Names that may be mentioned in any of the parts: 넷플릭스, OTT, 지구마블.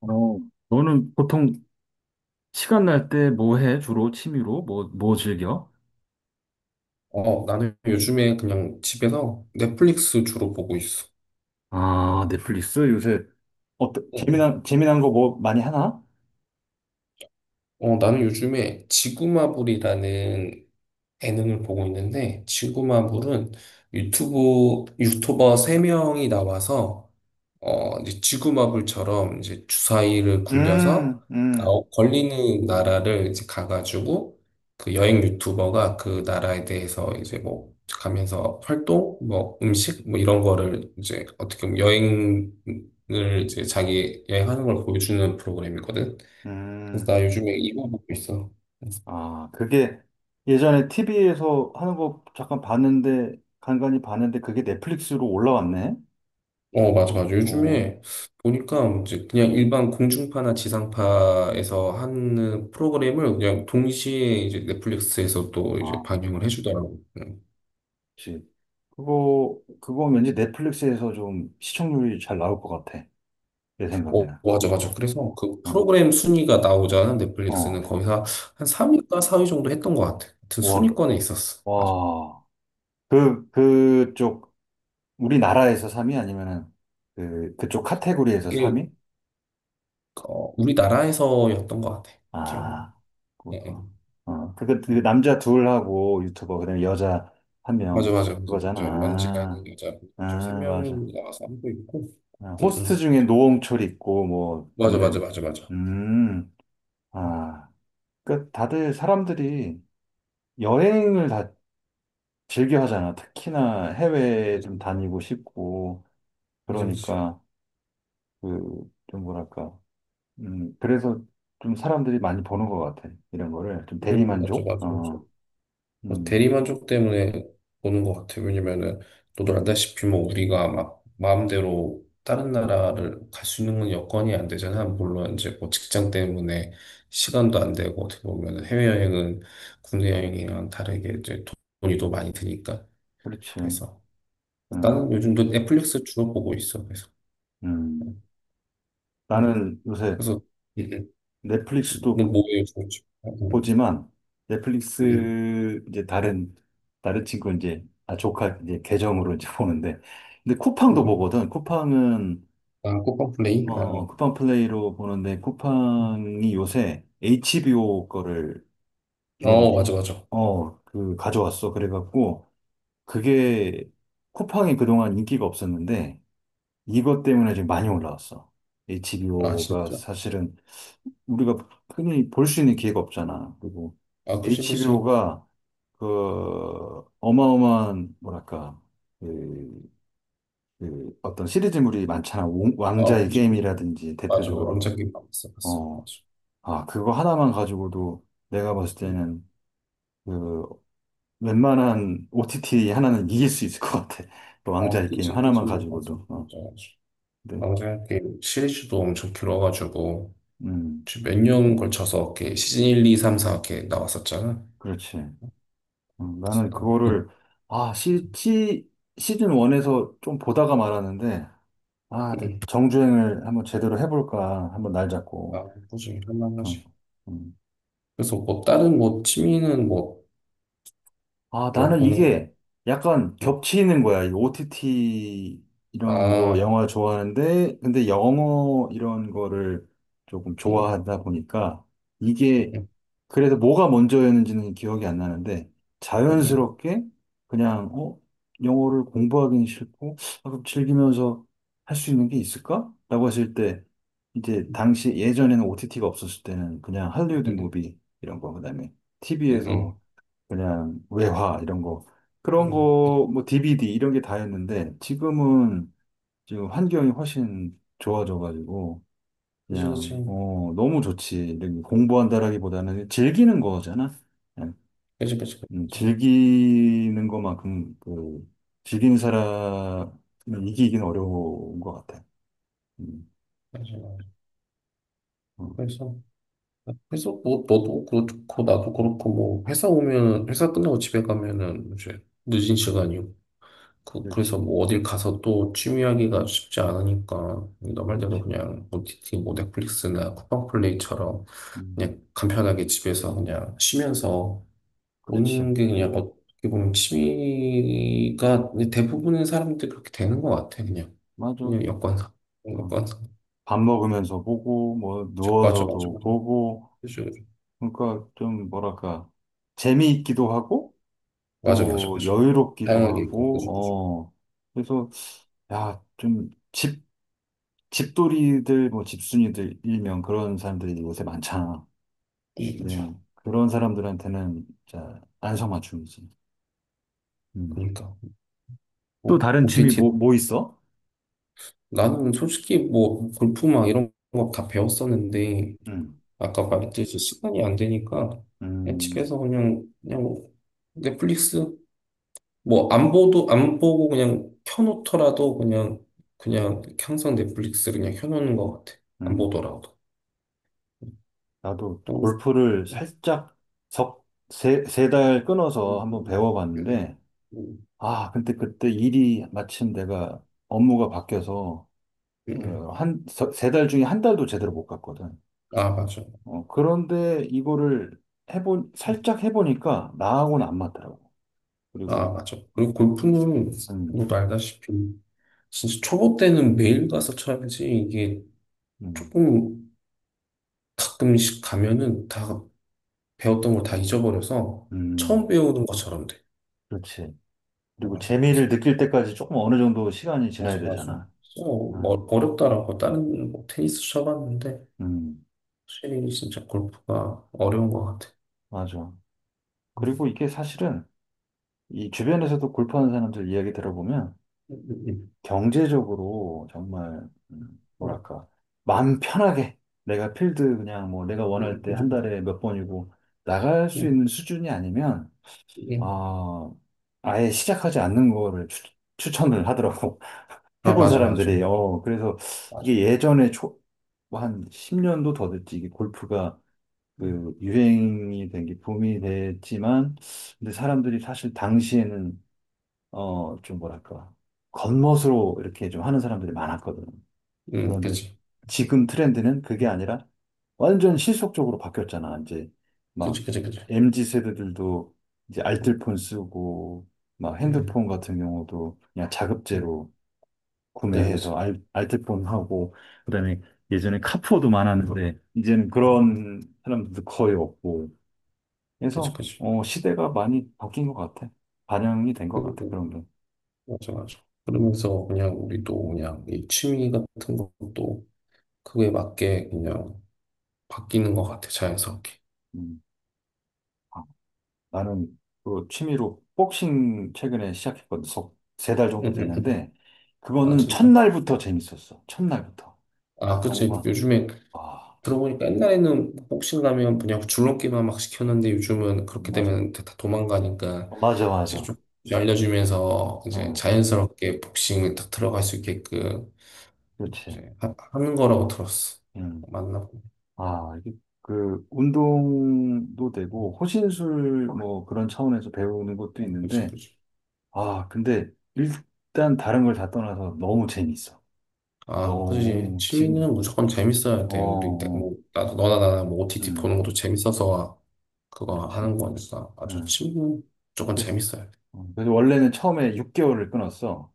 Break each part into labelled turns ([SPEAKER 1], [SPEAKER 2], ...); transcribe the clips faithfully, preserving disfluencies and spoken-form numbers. [SPEAKER 1] 어, 너는 보통 시간 날 때 뭐 해? 주로 취미로? 뭐, 뭐 즐겨?
[SPEAKER 2] 어, 나는 요즘에 그냥 집에서 넷플릭스 주로 보고 있어.
[SPEAKER 1] 아, 넷플릭스? 요새 어때?
[SPEAKER 2] 응, 응.
[SPEAKER 1] 재미난, 재미난 거 뭐 많이 하나?
[SPEAKER 2] 어, 나는 요즘에 지구마블이라는 예능을 보고 있는데, 지구마블은 유튜브 유튜버 세명이 나와서 어 이제 지구마블처럼 이제 주사위를 굴려서
[SPEAKER 1] 음, 음,
[SPEAKER 2] 나오- 걸리는 나라를 이제 가가지고, 그 여행 유튜버가 그 나라에 대해서 이제 뭐 가면서 활동 뭐 음식 뭐 이런 거를 이제 어떻게 보면 여행을, 이제 자기 여행하는 걸 보여주는 프로그램이거든. 그래서
[SPEAKER 1] 음.
[SPEAKER 2] 나 요즘에 이거 보고 있어.
[SPEAKER 1] 아, 그게 예전에 티비에서 하는 거 잠깐 봤는데, 간간히 봤는데, 그게 넷플릭스로 올라왔네?
[SPEAKER 2] 어, 맞아, 맞아.
[SPEAKER 1] 어,
[SPEAKER 2] 요즘에 보니까 이제 그냥 일반 공중파나 지상파에서 하는 프로그램을 그냥 동시에 이제 넷플릭스에서 또 이제
[SPEAKER 1] 아,
[SPEAKER 2] 방영을 해주더라고. 응.
[SPEAKER 1] 그치. 그거, 그거 왠지 넷플릭스에서 좀 시청률이 잘 나올 것 같아. 내
[SPEAKER 2] 어,
[SPEAKER 1] 생각에는.
[SPEAKER 2] 맞아, 맞아. 그래서 그
[SPEAKER 1] 어,
[SPEAKER 2] 프로그램 순위가 나오잖아.
[SPEAKER 1] 어.
[SPEAKER 2] 넷플릭스는 거기서 한 삼 위가 사 위 정도 했던 것 같아. 하여튼
[SPEAKER 1] 와,
[SPEAKER 2] 순위권에 있었어. 맞아.
[SPEAKER 1] 와. 그, 그쪽, 우리나라에서 삼 위? 아니면은, 그, 그쪽 카테고리에서
[SPEAKER 2] 이게
[SPEAKER 1] 삼 위?
[SPEAKER 2] 어, 우리나라에서였던 것 같아. 기억으로.
[SPEAKER 1] 아, 그
[SPEAKER 2] 예, 예.
[SPEAKER 1] 거 어, 그, 그, 그
[SPEAKER 2] 음.
[SPEAKER 1] 남자 둘하고 유튜버, 그다음에 여자 한
[SPEAKER 2] 맞아,
[SPEAKER 1] 명,
[SPEAKER 2] 맞아, 맞아.
[SPEAKER 1] 그거잖아.
[SPEAKER 2] 맞아. 원지라는 여자,
[SPEAKER 1] 아,
[SPEAKER 2] 저 세
[SPEAKER 1] 아, 맞아.
[SPEAKER 2] 명이 나와서 하고 있고.
[SPEAKER 1] 아,
[SPEAKER 2] 응,
[SPEAKER 1] 호스트
[SPEAKER 2] 응.
[SPEAKER 1] 중에 노홍철 있고, 뭐,
[SPEAKER 2] 맞아, 맞아,
[SPEAKER 1] 등등.
[SPEAKER 2] 맞아, 맞아.
[SPEAKER 1] 음, 아. 그, 다들 사람들이 여행을 다 즐겨 하잖아. 특히나 해외에
[SPEAKER 2] 그치,
[SPEAKER 1] 좀
[SPEAKER 2] 그치.
[SPEAKER 1] 다니고 싶고,
[SPEAKER 2] 그치. 그치.
[SPEAKER 1] 그러니까, 그, 좀 뭐랄까. 음, 그래서 좀 사람들이 많이 보는 것 같아. 이런 거를. 좀
[SPEAKER 2] 음, 맞아,
[SPEAKER 1] 대리만족?
[SPEAKER 2] 맞아, 맞아.
[SPEAKER 1] 어,
[SPEAKER 2] 뭐
[SPEAKER 1] 음,
[SPEAKER 2] 대리만족 때문에 보는 것 같아요. 왜냐면은, 너도 알다시피 뭐 우리가 막 마음대로 다른 나라를 갈 수 있는 건 여건이 안 되잖아. 물론 이제 뭐 직장 때문에 시간도 안 되고, 어떻게 보면은 해외여행은 국내 여행이랑 다르게 이제 돈이 더 많이 드니까.
[SPEAKER 1] 그렇지.
[SPEAKER 2] 그래서 나는
[SPEAKER 1] 음,
[SPEAKER 2] 요즘도 넷플릭스 주로 보고 있어. 그래서.
[SPEAKER 1] 음.
[SPEAKER 2] 응.
[SPEAKER 1] 나는 요새
[SPEAKER 2] 그래서, 음, 음. 너
[SPEAKER 1] 넷플릭스도
[SPEAKER 2] 뭐예요, 요즘? 음,
[SPEAKER 1] 보지만,
[SPEAKER 2] 음,
[SPEAKER 1] 넷플릭스 이제 다른, 다른 친구 이제, 아, 조카 이제 계정으로 이제 보는데. 근데 쿠팡도
[SPEAKER 2] 음.
[SPEAKER 1] 보거든. 쿠팡은,
[SPEAKER 2] 아, 꽃방레이.
[SPEAKER 1] 어, 어, 쿠팡 플레이로 보는데,
[SPEAKER 2] 아,
[SPEAKER 1] 쿠팡이 요새 에이치비오 거를
[SPEAKER 2] 어 맞아
[SPEAKER 1] 걔네들이,
[SPEAKER 2] 맞아.
[SPEAKER 1] 어, 그, 가져왔어. 그래갖고, 그게 쿠팡이 그동안 인기가 없었는데 이것 때문에 지금 많이 올라왔어.
[SPEAKER 2] 아
[SPEAKER 1] 에이치비오가
[SPEAKER 2] 진짜.
[SPEAKER 1] 사실은 우리가 흔히 볼 수 있는 기회가 없잖아. 그리고
[SPEAKER 2] 아 그치 그치.
[SPEAKER 1] 에이치비오가 그 어마어마한 뭐랄까 그, 그 어떤 시리즈물이 많잖아. 왕-
[SPEAKER 2] 아
[SPEAKER 1] 왕자의
[SPEAKER 2] 그치 그치.
[SPEAKER 1] 게임이라든지
[SPEAKER 2] 맞아 맞아.
[SPEAKER 1] 대표적으로.
[SPEAKER 2] 왕자 게임 봤어 봤어.
[SPEAKER 1] 어,
[SPEAKER 2] 맞아.
[SPEAKER 1] 아 그거 하나만 가지고도 내가 봤을
[SPEAKER 2] 음.
[SPEAKER 1] 때는 그 웬만한 오티티 하나는 이길 수 있을 것 같아. 그
[SPEAKER 2] 아
[SPEAKER 1] 왕자의 게임
[SPEAKER 2] 그치 그치.
[SPEAKER 1] 하나만
[SPEAKER 2] 맞아
[SPEAKER 1] 가지고도. 어,
[SPEAKER 2] 맞아 맞아.
[SPEAKER 1] 근데,
[SPEAKER 2] 왕자 게임 시리즈도 엄청 길어가지고
[SPEAKER 1] 음,
[SPEAKER 2] 몇년 걸쳐서 이렇게 시즌 일, 이, 삼, 사 이렇게 나왔었잖아.
[SPEAKER 1] 그렇지. 어,
[SPEAKER 2] 그래서
[SPEAKER 1] 나는
[SPEAKER 2] 나 음,
[SPEAKER 1] 그거를, 아, 시, 시, 시즌 일에서 좀 보다가 말았는데, 아, 근데
[SPEAKER 2] 음.
[SPEAKER 1] 정주행을 한번 제대로 해볼까. 한번 날
[SPEAKER 2] 아,
[SPEAKER 1] 잡고.
[SPEAKER 2] 꾸준히
[SPEAKER 1] 어,
[SPEAKER 2] 할만하지.
[SPEAKER 1] 음.
[SPEAKER 2] 그래서 뭐 다른 뭐 취미는 뭐
[SPEAKER 1] 아,
[SPEAKER 2] 그거
[SPEAKER 1] 나는
[SPEAKER 2] 보는 거 같아.
[SPEAKER 1] 이게 약간
[SPEAKER 2] 음.
[SPEAKER 1] 겹치는 거야. 이 오티티 이런 거
[SPEAKER 2] 아.
[SPEAKER 1] 영화 좋아하는데, 근데 영어 이런 거를 조금
[SPEAKER 2] 응,
[SPEAKER 1] 좋아하다 보니까
[SPEAKER 2] 응,
[SPEAKER 1] 이게
[SPEAKER 2] 응,
[SPEAKER 1] 그래서 뭐가 먼저였는지는 기억이 안 나는데
[SPEAKER 2] 응,
[SPEAKER 1] 자연스럽게 그냥 어, 영어를 공부하기는 싫고, 아, 그럼 즐기면서 할 수 있는 게 있을까? 라고 했을 때, 이제 당시 예전에는 오티티가 없었을 때는 그냥 할리우드
[SPEAKER 2] 응,
[SPEAKER 1] 무비 이런 거, 그다음에
[SPEAKER 2] 응,
[SPEAKER 1] 티비에서
[SPEAKER 2] 응,
[SPEAKER 1] 그냥 외화 이런 거, 그런 거 뭐 디비디 이런 게 다였는데 지금은, 지금 환경이 훨씬 좋아져가지고
[SPEAKER 2] 그치, 그치.
[SPEAKER 1] 그냥 어 너무 좋지. 이렇게 공부한다라기보다는 즐기는 거잖아. 그냥.
[SPEAKER 2] 그치, 그치, 그치.
[SPEAKER 1] 음,
[SPEAKER 2] 그치.
[SPEAKER 1] 즐기는 것만큼 그 즐기는 사람은 이기기는 어려운 것 같아. 음.
[SPEAKER 2] 맞아, 맞아.
[SPEAKER 1] 어,
[SPEAKER 2] 그래서, 그래서 뭐, 너도 그렇고, 나도 그렇고, 뭐, 회사 오면, 회사 끝나고 집에 가면은 이제 늦은 시간이고, 그, 그래서
[SPEAKER 1] 그렇지,
[SPEAKER 2] 뭐, 어딜 가서 또 취미하기가 쉽지 않으니까, 너 말대로
[SPEAKER 1] 그렇지.
[SPEAKER 2] 그냥, 오티티, 뭐, 넷플릭스나
[SPEAKER 1] 음,
[SPEAKER 2] 쿠팡플레이처럼,
[SPEAKER 1] 음,
[SPEAKER 2] 그냥 간편하게 집에서 그냥 쉬면서
[SPEAKER 1] 그렇지,
[SPEAKER 2] 보는 게 그냥 어떻게 보면 취미가, 대부분의 사람들이 그렇게 되는 것 같아, 그냥.
[SPEAKER 1] 맞아.
[SPEAKER 2] 그냥 여건상.
[SPEAKER 1] 어,
[SPEAKER 2] 여건상.
[SPEAKER 1] 밥 먹으면서 보고 뭐
[SPEAKER 2] 맞아 맞아
[SPEAKER 1] 누워서도
[SPEAKER 2] 맞아.
[SPEAKER 1] 보고
[SPEAKER 2] 그죠, 그죠.
[SPEAKER 1] 그러니까, 좀 뭐랄까, 재미있기도 하고
[SPEAKER 2] 맞아, 맞아,
[SPEAKER 1] 또
[SPEAKER 2] 맞아.
[SPEAKER 1] 여유롭기도
[SPEAKER 2] 다양하게 있고, 그죠, 그죠.
[SPEAKER 1] 하고, 어. 그래서 야좀집 집돌이들 뭐 집순이들 일명 그런 사람들이 요새 많잖아.
[SPEAKER 2] 음,
[SPEAKER 1] 네.
[SPEAKER 2] 그죠.
[SPEAKER 1] 그런 사람들한테는 진짜 안성맞춤이지. 음.
[SPEAKER 2] 그니까
[SPEAKER 1] 또
[SPEAKER 2] 뭐,
[SPEAKER 1] 다른 취미
[SPEAKER 2] 오티티.
[SPEAKER 1] 뭐 뭐 있어?
[SPEAKER 2] 나는 솔직히 뭐, 골프 막 이런 거 다 배웠었는데,
[SPEAKER 1] 음,
[SPEAKER 2] 아까 말했듯이 시간이 안 되니까, 그냥
[SPEAKER 1] 음,
[SPEAKER 2] 집에서 그냥, 그냥 뭐 넷플릭스, 뭐, 안 보도, 안 보고 그냥 켜놓더라도 그냥, 그냥 항상 넷플릭스 그냥 켜놓는 것 같아. 안
[SPEAKER 1] 음.
[SPEAKER 2] 보더라도.
[SPEAKER 1] 나도
[SPEAKER 2] 음,
[SPEAKER 1] 골프를
[SPEAKER 2] 음,
[SPEAKER 1] 살짝 석 세 세 달 끊어서
[SPEAKER 2] 음,
[SPEAKER 1] 한번
[SPEAKER 2] 음, 음,
[SPEAKER 1] 배워봤는데.
[SPEAKER 2] 음,
[SPEAKER 1] 아, 근데 그때 일이 마침 내가 업무가 바뀌어서
[SPEAKER 2] 음. 음.
[SPEAKER 1] 어, 한, 세 달 중에 한 달도 제대로 못 갔거든.
[SPEAKER 2] 아, 맞아.
[SPEAKER 1] 어, 그런데 이거를 해본, 살짝 해보니까 나하고는 안 맞더라고.
[SPEAKER 2] 아,
[SPEAKER 1] 그리고,
[SPEAKER 2] 맞아. 그리고 골프는
[SPEAKER 1] 음,
[SPEAKER 2] 너도 알다시피 진짜 초보 때는 매일 가서 쳐야지, 이게
[SPEAKER 1] 음,
[SPEAKER 2] 조금 가끔씩 가면은 다 배웠던 걸 다 잊어버려서 처음
[SPEAKER 1] 음,
[SPEAKER 2] 배우는 것처럼 돼.
[SPEAKER 1] 그렇지.
[SPEAKER 2] 아,
[SPEAKER 1] 그리고
[SPEAKER 2] 맞아. 그래서
[SPEAKER 1] 재미를 느낄 때까지 조금 어느 정도 시간이
[SPEAKER 2] 맞아,
[SPEAKER 1] 지나야
[SPEAKER 2] 맞아.
[SPEAKER 1] 되잖아.
[SPEAKER 2] 진짜 어,
[SPEAKER 1] 아,
[SPEAKER 2] 어렵더라고. 다른 뭐 테니스 쳐봤는데
[SPEAKER 1] 음,
[SPEAKER 2] 확실히 진짜 골프가 어려운 것 같아.
[SPEAKER 1] 맞아.
[SPEAKER 2] 음,
[SPEAKER 1] 그리고 이게 사실은 이 주변에서도 골프하는 사람들 이야기 들어보면
[SPEAKER 2] 음,
[SPEAKER 1] 경제적으로 정말, 음,
[SPEAKER 2] 음,
[SPEAKER 1] 뭐랄까, 마음 편하게 내가 필드 그냥 뭐 내가 원할
[SPEAKER 2] 음,
[SPEAKER 1] 때
[SPEAKER 2] 그치,
[SPEAKER 1] 한
[SPEAKER 2] 그치.
[SPEAKER 1] 달에 몇 번이고 나갈 수
[SPEAKER 2] 음,
[SPEAKER 1] 있는 수준이 아니면
[SPEAKER 2] 음. 음.
[SPEAKER 1] 아, 아예 시작하지 않는 거를 추, 추천을 하더라고.
[SPEAKER 2] 아,
[SPEAKER 1] 해본
[SPEAKER 2] 맞아, 맞아.
[SPEAKER 1] 사람들이. 어, 그래서
[SPEAKER 2] 맞아.
[SPEAKER 1] 이게 예전에 초한 십 년도 더 됐지. 이게 골프가 그 유행이 된 게 붐이 됐지만, 근데 사람들이 사실 당시에는 어, 좀 뭐랄까, 겉멋으로 이렇게 좀 하는 사람들이 많았거든.
[SPEAKER 2] 응,
[SPEAKER 1] 그런데
[SPEAKER 2] 그치.
[SPEAKER 1] 지금 트렌드는 그게 아니라 완전 실속적으로 바뀌었잖아. 이제
[SPEAKER 2] 그치,
[SPEAKER 1] 막
[SPEAKER 2] 그치, 그치.
[SPEAKER 1] 엠지 세대들도 이제 알뜰폰 쓰고 막
[SPEAKER 2] 응.
[SPEAKER 1] 핸드폰 같은 경우도 그냥 자급제로
[SPEAKER 2] 네, 그아.
[SPEAKER 1] 구매해서 알, 알뜰폰 하고 그다음에 예전에 카푸어도 많았는데 이제는 그런 사람들도 거의 없고
[SPEAKER 2] 그치,
[SPEAKER 1] 그래서
[SPEAKER 2] 그치.
[SPEAKER 1] 어, 시대가 많이 바뀐 것 같아. 반영이 된 것 같아.
[SPEAKER 2] 그리고,
[SPEAKER 1] 그런 게.
[SPEAKER 2] 맞아, 맞아.
[SPEAKER 1] 음,
[SPEAKER 2] 그러면서 그냥 우리도 그냥 이 취미 같은 것도 그거에 맞게 그냥 바뀌는 것 같아, 자연스럽게.
[SPEAKER 1] 음. 나는 그 취미로 복싱 최근에 시작했거든. 세 달 정도
[SPEAKER 2] 응, 응, 응.
[SPEAKER 1] 됐는데,
[SPEAKER 2] 아,
[SPEAKER 1] 그거는
[SPEAKER 2] 진짜.
[SPEAKER 1] 첫날부터 재밌었어. 첫날부터.
[SPEAKER 2] 아, 그치.
[SPEAKER 1] 정말.
[SPEAKER 2] 요즘에
[SPEAKER 1] 아,
[SPEAKER 2] 들어보니까 옛날에는 복싱 가면 그냥 줄넘기만 막 시켰는데, 요즘은 그렇게
[SPEAKER 1] 맞아.
[SPEAKER 2] 되면 다 도망가니까
[SPEAKER 1] 맞아,
[SPEAKER 2] 이제
[SPEAKER 1] 맞아.
[SPEAKER 2] 좀 알려주면서 이제
[SPEAKER 1] 응,
[SPEAKER 2] 자연스럽게 복싱에 딱 들어갈 수 있게끔
[SPEAKER 1] 그렇지.
[SPEAKER 2] 이제 하, 는 거라고 들었어.
[SPEAKER 1] 응.
[SPEAKER 2] 맞나?
[SPEAKER 1] 아, 이게 그 운동도 되고, 호신술 뭐 그런 차원에서 배우는 것도
[SPEAKER 2] 어, 그치,
[SPEAKER 1] 있는데,
[SPEAKER 2] 그치.
[SPEAKER 1] 아, 근데 일단 다른 걸 다 떠나서 너무 재밌어.
[SPEAKER 2] 아, 그지.
[SPEAKER 1] 너무
[SPEAKER 2] 취미는
[SPEAKER 1] 지금,
[SPEAKER 2] 무조건 재밌어야
[SPEAKER 1] 어,
[SPEAKER 2] 돼. 우리, 때-
[SPEAKER 1] 어,
[SPEAKER 2] 뭐, 나도, 너나 나나 뭐 오티티
[SPEAKER 1] 응,
[SPEAKER 2] 보는 것도 재밌어서 그거
[SPEAKER 1] 그렇지.
[SPEAKER 2] 하는 거니까. 아주
[SPEAKER 1] 응.
[SPEAKER 2] 취미는 무조건 재밌어야 돼.
[SPEAKER 1] 어, 그래서 원래는 처음에 육 개월을 끊었어.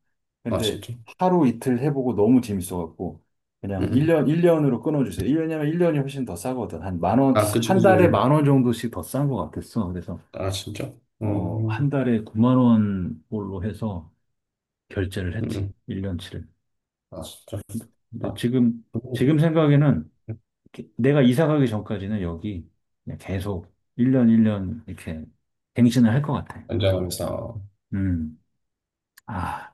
[SPEAKER 2] 아,
[SPEAKER 1] 근데
[SPEAKER 2] 진짜?
[SPEAKER 1] 하루 이틀 해보고 너무 재밌어갖고
[SPEAKER 2] 응.
[SPEAKER 1] 그냥
[SPEAKER 2] 응.
[SPEAKER 1] 일 년, 일 년으로 끊어주세요. 일 년이면 일 년이 훨씬 더 싸거든. 한 만 원,
[SPEAKER 2] 아, 그지,
[SPEAKER 1] 한 달에
[SPEAKER 2] 그지.
[SPEAKER 1] 만원 정도씩 더 싼 것 같았어. 그래서
[SPEAKER 2] 아, 진짜?
[SPEAKER 1] 어, 한
[SPEAKER 2] 음,
[SPEAKER 1] 달에 구만 원 꼴로 해서 결제를
[SPEAKER 2] 응. 응.
[SPEAKER 1] 했지. 일 년치를.
[SPEAKER 2] 아, 진짜.
[SPEAKER 1] 근데
[SPEAKER 2] 맞아.
[SPEAKER 1] 지금, 지금
[SPEAKER 2] 음,
[SPEAKER 1] 생각에는 게- 내가 이사 가기 전까지는 여기 그냥 계속 일 년, 일 년 이렇게 갱신을 할 것 같아.
[SPEAKER 2] 연장하면서.
[SPEAKER 1] 음. 아.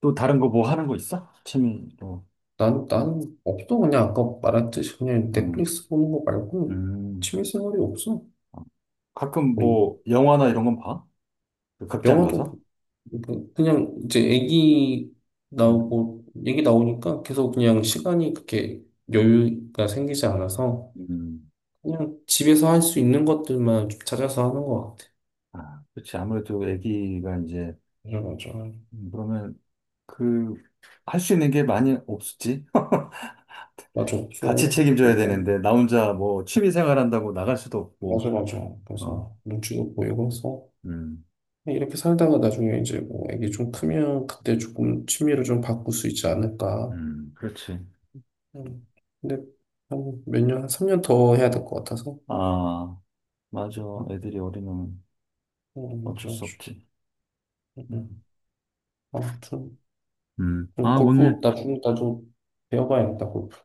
[SPEAKER 1] 또 다른 거 뭐 하는 거 있어? 취미로.
[SPEAKER 2] 난, 난 없어. 그냥 아까 말했듯이 그냥
[SPEAKER 1] 음,
[SPEAKER 2] 넷플릭스 보는 거 말고
[SPEAKER 1] 음.
[SPEAKER 2] 취미생활이 없어.
[SPEAKER 1] 어. 가끔
[SPEAKER 2] 뭐,
[SPEAKER 1] 뭐 영화나 이런 건 봐? 그 극장
[SPEAKER 2] 영화도
[SPEAKER 1] 가서?
[SPEAKER 2] 뭐 그냥 이제 애기
[SPEAKER 1] 음,
[SPEAKER 2] 나오고, 애기 나오니까 계속 그냥 시간이 그렇게 여유가 생기지 않아서
[SPEAKER 1] 음.
[SPEAKER 2] 그냥 집에서 할 수 있는 것들만 좀 찾아서 하는 것 같아.
[SPEAKER 1] 아, 그렇지. 아무래도 애기가 이제,
[SPEAKER 2] 맞아, 맞아.
[SPEAKER 1] 음, 그러면 그, 할 수 있는 게 많이 없었지.
[SPEAKER 2] 맞아,
[SPEAKER 1] 같이
[SPEAKER 2] 없어.
[SPEAKER 1] 책임져야
[SPEAKER 2] 그러니까
[SPEAKER 1] 되는데, 나 혼자 뭐 취미 생활 한다고 나갈 수도 없고,
[SPEAKER 2] 맞아, 맞아.
[SPEAKER 1] 어,
[SPEAKER 2] 그래서 눈치도 보이고 해서
[SPEAKER 1] 음,
[SPEAKER 2] 이렇게 살다가 나중에 이제 뭐 애기 좀 크면 그때 조금 취미를 좀 바꿀 수 있지 않을까.
[SPEAKER 1] 음, 그렇지.
[SPEAKER 2] 음. 근데 한 몇 년, 한 삼 년 더 해야 될 것 같아서.
[SPEAKER 1] 아, 맞아.
[SPEAKER 2] 음,
[SPEAKER 1] 애들이 어리면
[SPEAKER 2] 음,
[SPEAKER 1] 어쩔
[SPEAKER 2] 좀 아
[SPEAKER 1] 수
[SPEAKER 2] 쉬
[SPEAKER 1] 없지. 음,
[SPEAKER 2] 음. 아무튼.
[SPEAKER 1] 음. 아,
[SPEAKER 2] 그럼 골프
[SPEAKER 1] 오늘,
[SPEAKER 2] 나중 나중 배워봐야겠다 골프.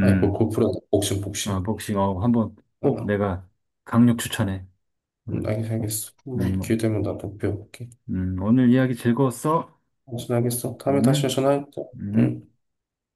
[SPEAKER 2] 아니 그 골프라 복싱
[SPEAKER 1] 어,
[SPEAKER 2] 복싱.
[SPEAKER 1] 복싱, 어, 한번
[SPEAKER 2] 어,
[SPEAKER 1] 꼭
[SPEAKER 2] 어.
[SPEAKER 1] 내가 강력 추천해. 음,
[SPEAKER 2] 음, 알겠어
[SPEAKER 1] 어, 꼭.
[SPEAKER 2] 알겠어.
[SPEAKER 1] 음,
[SPEAKER 2] 한번 기회 되면 나도 배워볼게.
[SPEAKER 1] 음, 오늘 이야기 즐거웠어?
[SPEAKER 2] 무슨 알겠어. 다음에 다시
[SPEAKER 1] 음,
[SPEAKER 2] 전화할게.
[SPEAKER 1] 음.
[SPEAKER 2] 응.